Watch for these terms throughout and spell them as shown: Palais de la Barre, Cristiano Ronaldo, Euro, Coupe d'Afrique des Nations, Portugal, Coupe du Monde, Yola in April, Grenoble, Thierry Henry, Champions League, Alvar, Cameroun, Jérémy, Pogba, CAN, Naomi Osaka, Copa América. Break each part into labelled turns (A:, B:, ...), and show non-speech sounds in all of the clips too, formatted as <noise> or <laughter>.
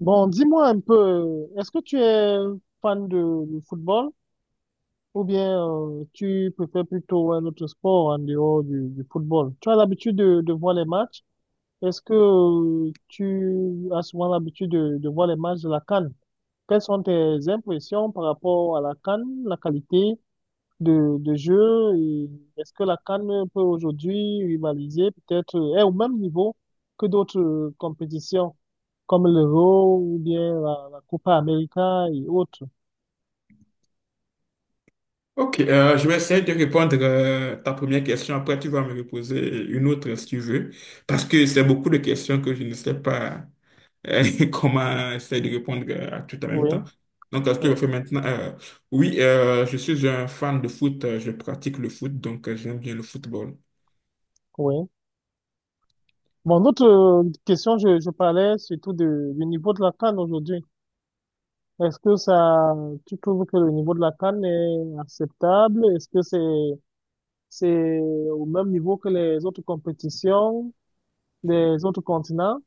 A: Bon, dis-moi un peu, est-ce que tu es fan du football ou bien tu préfères plutôt un autre sport en dehors du football? Tu as l'habitude de voir les matchs? Est-ce que tu as souvent l'habitude de voir les matchs de la CAN? Quelles sont tes impressions par rapport à la CAN, la qualité de jeu et est-ce que la CAN peut aujourd'hui rivaliser peut-être, est au même niveau que d'autres compétitions? Comme l'Euro ou bien la Copa América et autres.
B: Ok, je vais essayer de répondre ta première question. Après, tu vas me reposer une autre si tu veux, parce que c'est beaucoup de questions que je ne sais pas <laughs> comment essayer de répondre à tout en même
A: Oui,
B: temps. Donc, ce que
A: euh,
B: je fais maintenant, oui, je suis un fan de foot. Je pratique le foot, donc j'aime bien le football.
A: oui. Mon autre question, je parlais surtout du niveau de la CAN aujourd'hui. Est-ce que ça, tu trouves que le niveau de la CAN est acceptable? Est-ce que c'est au même niveau que les autres compétitions des autres continents?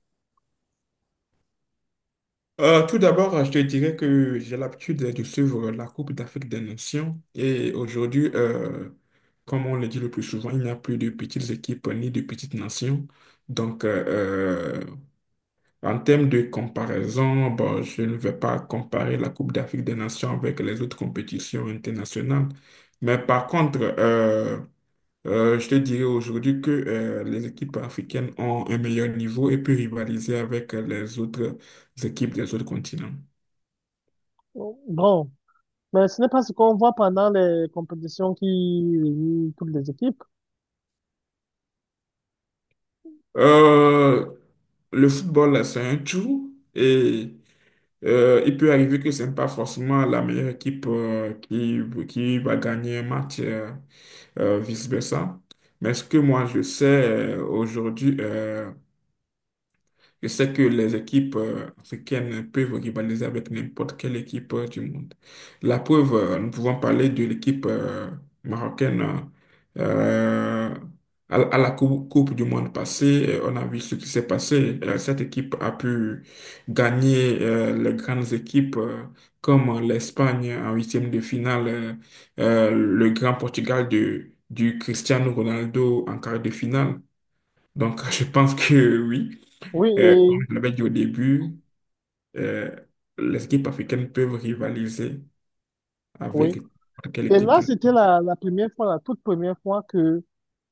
B: Tout d'abord, je te dirais que j'ai l'habitude de suivre la Coupe d'Afrique des Nations et aujourd'hui, comme on le dit le plus souvent, il n'y a plus de petites équipes ni de petites nations. Donc, euh, en termes de comparaison, bon, je ne vais pas comparer la Coupe d'Afrique des Nations avec les autres compétitions internationales. Mais par contre, je te dirais aujourd'hui que les équipes africaines ont un meilleur niveau et peuvent rivaliser avec les autres équipes des autres continents.
A: Bon, mais ce n'est pas ce qu'on voit pendant les compétitions qui réunissent toutes les équipes.
B: Euh, le football, là, c'est un tout et il peut arriver que ce n'est pas forcément la meilleure équipe qui va gagner un match, vice-versa. Mais ce que moi, je sais aujourd'hui, je sais que les équipes africaines peuvent rivaliser avec n'importe quelle équipe du monde. La preuve, nous pouvons parler de l'équipe marocaine euh, à la Coupe du Monde passée. On a vu ce qui s'est passé. Cette équipe a pu gagner les grandes équipes comme l'Espagne en huitième de finale, le grand Portugal du Cristiano Ronaldo en quart de finale. Donc, <laughs> je pense que oui.
A: Oui,
B: Comme je l'avais dit au début, euh, les équipes africaines peuvent rivaliser
A: oui.
B: avec n'importe quelle
A: Et
B: équipe
A: là,
B: dans
A: c'était
B: le-
A: la première fois, la toute première fois que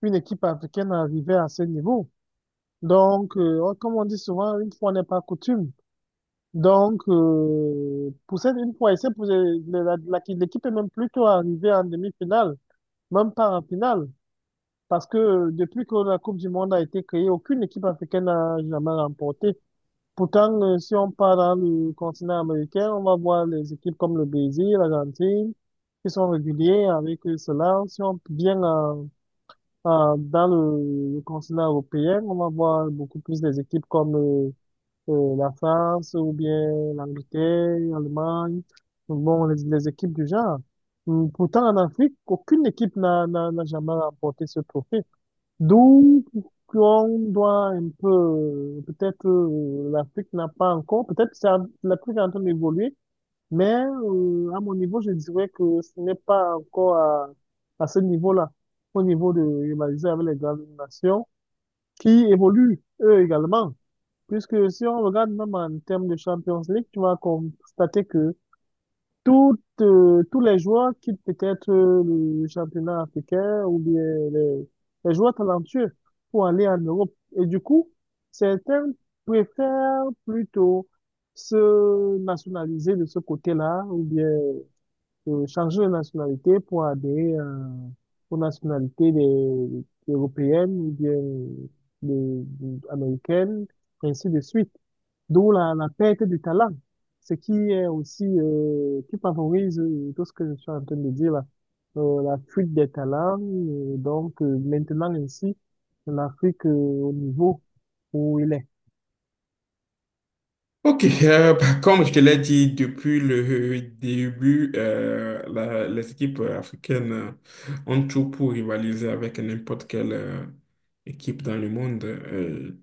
A: une équipe africaine arrivait à ce niveau. Donc, comme on dit souvent, une fois n'est pas coutume. Donc, pour cette une fois, et c'est pour l'équipe est même plutôt arrivée en demi-finale, même pas en finale. Parce que depuis que la Coupe du Monde a été créée, aucune équipe africaine n'a jamais remporté. Pourtant, si on part dans le continent américain, on va voir les équipes comme le Brésil, l'Argentine, qui sont réguliers avec cela. Si on vient dans le continent européen, on va voir beaucoup plus des équipes comme la France ou bien l'Angleterre, l'Allemagne, bon, les équipes du genre. Pourtant, en Afrique, aucune équipe n'a jamais remporté ce trophée. Donc, on doit un peu, peut-être l'Afrique n'a pas encore, peut-être l'Afrique est en train d'évoluer, mais à mon niveau, je dirais que ce n'est pas encore à, ce niveau-là, au niveau de rivaliser avec les grandes nations qui évoluent eux également. Puisque si on regarde même en termes de Champions League, tu vas constater que tous les joueurs quittent peut-être le championnat africain ou bien les, les joueurs talentueux pour aller en Europe. Et du coup, certains préfèrent plutôt se nationaliser de ce côté-là ou bien changer de nationalité pour adhérer aux nationalités européennes ou bien des américaines, ainsi de suite. D'où la perte du talent, ce qui est aussi, qui favorise tout ce que je suis en train de dire là, la fuite des talents. Donc maintenant ici, l'Afrique au niveau où il est.
B: Ok, <laughs> bah, comme je te l'ai dit depuis le début, les équipes africaines ont tout pour rivaliser avec n'importe quelle équipe dans le monde.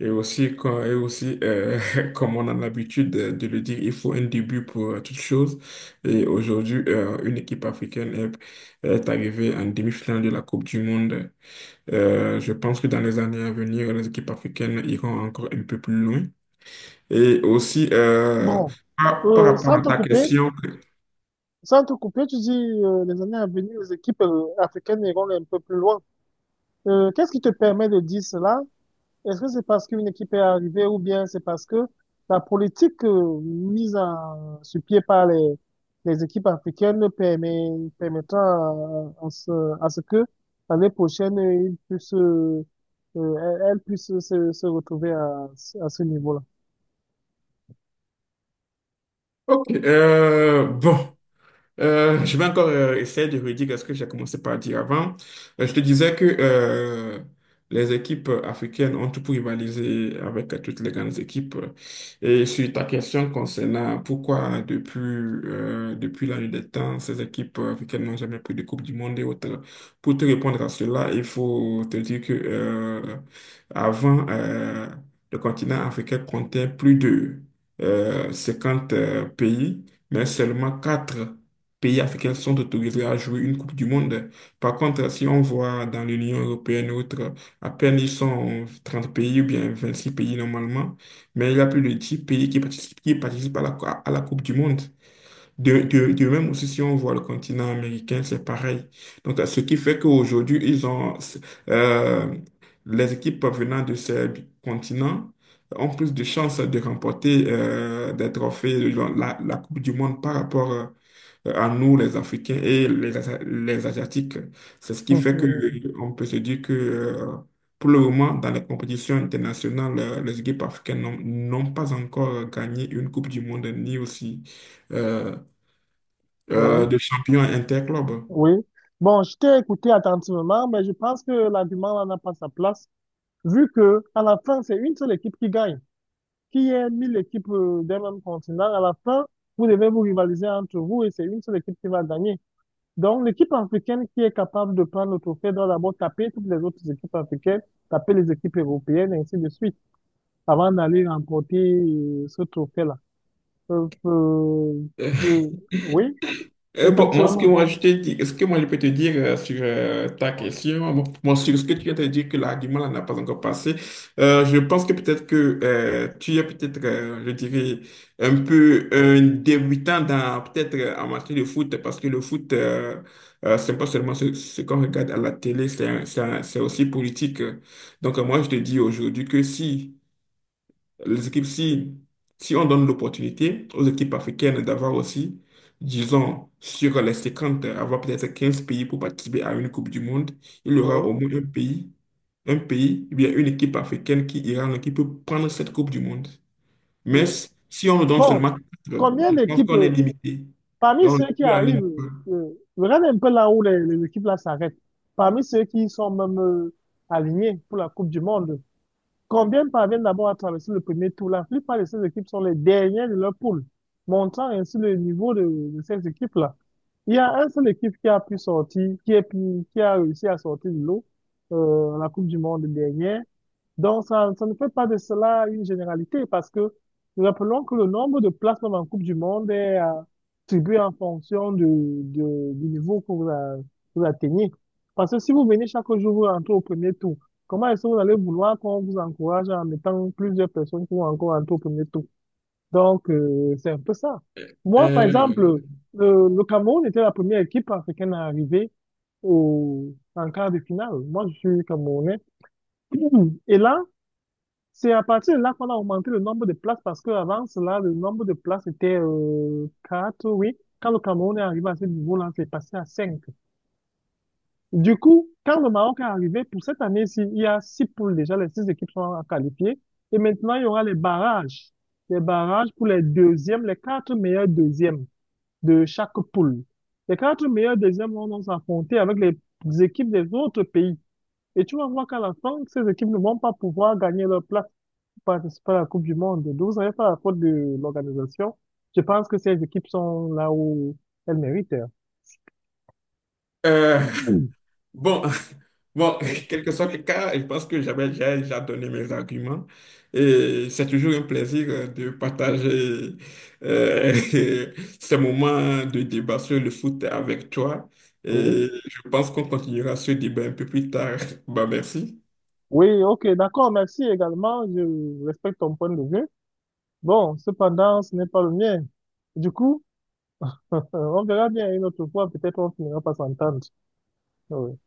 B: Et aussi, <laughs> comme on a l'habitude de le dire, il faut un début pour toute chose. Et aujourd'hui, une équipe africaine est arrivée en demi-finale de la Coupe du Monde. Je pense que dans les années à venir, les équipes africaines iront encore un peu plus loin. Et aussi,
A: Bon,
B: par
A: euh,
B: rapport
A: sans
B: à
A: te
B: ta
A: couper,
B: question,
A: sans te couper, tu dis les années à venir, les équipes africaines iront un peu plus loin. Qu'est-ce qui te permet de dire cela? Est-ce que c'est parce qu'une équipe est arrivée ou bien c'est parce que la politique mise sur pied par les équipes africaines permettant à ce que l'année prochaine, elles puissent se retrouver à ce niveau-là? <laughs>
B: ok, bon. Je vais encore essayer de redire ce que j'ai commencé par dire avant. Je te disais que les équipes africaines ont tout pour rivaliser avec toutes les grandes équipes. Et sur ta question concernant pourquoi depuis la nuit des temps, ces équipes africaines n'ont jamais pris de Coupe du Monde et autres, pour te répondre à cela, il faut te dire que avant, le continent africain comptait plus de 50 pays, mais seulement 4 pays africains sont autorisés à jouer une Coupe du Monde. Par contre, si on voit dans l'Union européenne ou autre, à peine ils sont 30 pays ou bien 26 pays normalement, mais il y a plus de 10 pays qui participent à la Coupe du Monde. De même aussi, si on voit le continent américain, c'est pareil. Donc, ce qui fait qu'aujourd'hui, euh, les équipes venant de ces continents ont plus de chances de remporter des trophées, de la Coupe du Monde par rapport à nous, les Africains et les Asiatiques. C'est ce qui fait que
A: Mhm.
B: on peut se dire que pour le moment, dans les compétitions internationales, les équipes africaines n'ont pas encore gagné une Coupe du Monde ni aussi euh,
A: Oui,
B: de champion interclub.
A: oui. Bon, je t'ai écouté attentivement, mais je pense que l'argument là n'a pas sa place, vu que à la fin, c'est une seule équipe qui gagne. Qui est 1 000 équipes d'un même continent, à la fin, vous devez vous rivaliser entre vous et c'est une seule équipe qui va gagner. Donc, l'équipe africaine qui est capable de prendre le trophée doit d'abord taper toutes les autres équipes africaines, taper les équipes européennes, et ainsi de suite, avant d'aller remporter ce trophée-là. Euh, euh,
B: <laughs>
A: euh, oui,
B: Bon, moi,
A: effectivement.
B: ce que moi, je peux te dire sur ta
A: Oui,
B: question, bon, moi, sur ce que tu viens de dire, que l'argument là n'a pas encore passé, je pense que peut-être que tu es peut-être, je dirais, un peu un débutant dans, peut-être, en matière de foot, parce que le foot, c'est pas seulement ce qu'on regarde à la télé, c'est aussi politique. Donc, moi, je te dis aujourd'hui que si les équipes, si, on donne l'opportunité aux équipes africaines d'avoir aussi, disons, sur les 50, avoir peut-être 15 pays pour participer à une Coupe du Monde, il y aura au moins un pays, ou bien une équipe africaine qui ira, qui peut prendre cette Coupe du Monde. Mais
A: oui.
B: si on nous donne
A: Bon,
B: seulement quatre,
A: combien
B: je pense
A: d'équipes,
B: qu'on est limité. Et
A: parmi
B: on ne
A: ceux qui
B: peut aller.
A: arrivent,
B: Nulle part.
A: euh, regarde un peu là où les équipes là s'arrêtent. Parmi ceux qui sont même alignés pour la Coupe du Monde, combien parviennent d'abord à traverser le premier tour? La plupart de ces équipes sont les dernières de leur poule, montrant ainsi le niveau de ces équipes là. Il y a un seul équipe qui a pu sortir, qui a réussi à sortir de l'eau à la Coupe du Monde dernière. Donc, ça ne fait pas de cela une généralité parce que nous rappelons que le nombre de places même en Coupe du Monde est attribué en fonction du, du niveau que vous atteignez. Parce que si vous venez chaque jour, vous rentrez au premier tour, comment est-ce que vous allez vouloir qu'on vous encourage en mettant plusieurs personnes qui vont encore rentrer au premier tour? Donc, c'est un peu ça. Moi, par exemple,
B: Euh,
A: le Cameroun était la première équipe africaine à arriver en quart de finale. Moi, je suis Camerounais. Et là, c'est à partir de là qu'on a augmenté le nombre de places parce qu'avant cela, le nombre de places était 4, oui. Quand le Cameroun est arrivé à ce niveau-là, c'est passé à 5. Du coup, quand le Maroc est arrivé, pour cette année-ci, il y a 6 poules déjà, les 6 équipes sont qualifiées. Et maintenant, il y aura les barrages. Les barrages pour les deuxièmes, les 4 meilleurs deuxièmes de chaque poule. Les 4 meilleurs deuxièmes vont donc s'affronter avec les équipes des autres pays. Et tu vas voir qu'à la fin, ces équipes ne vont pas pouvoir gagner leur place participer à la Coupe du Monde. Donc, vous n'avez pas la faute de l'organisation. Je pense que ces équipes sont là où elles méritent, hein.
B: euh,
A: Oui.
B: Bon, <laughs> bon,
A: Oui,
B: <laughs> quel que soit le cas, je pense que j'avais déjà donné mes arguments. Et c'est toujours un plaisir de partager euh, <laughs> ces moments de débat sur le foot avec toi.
A: oui.
B: Et je pense qu'on continuera ce débat un peu plus tard. <laughs> Bah, merci.
A: Oui, ok, d'accord, merci également. Je respecte ton point de vue. Bon, cependant, ce n'est pas le mien. Du coup, <laughs> on verra bien une autre fois. Peut-être on finira par s'entendre. Oui.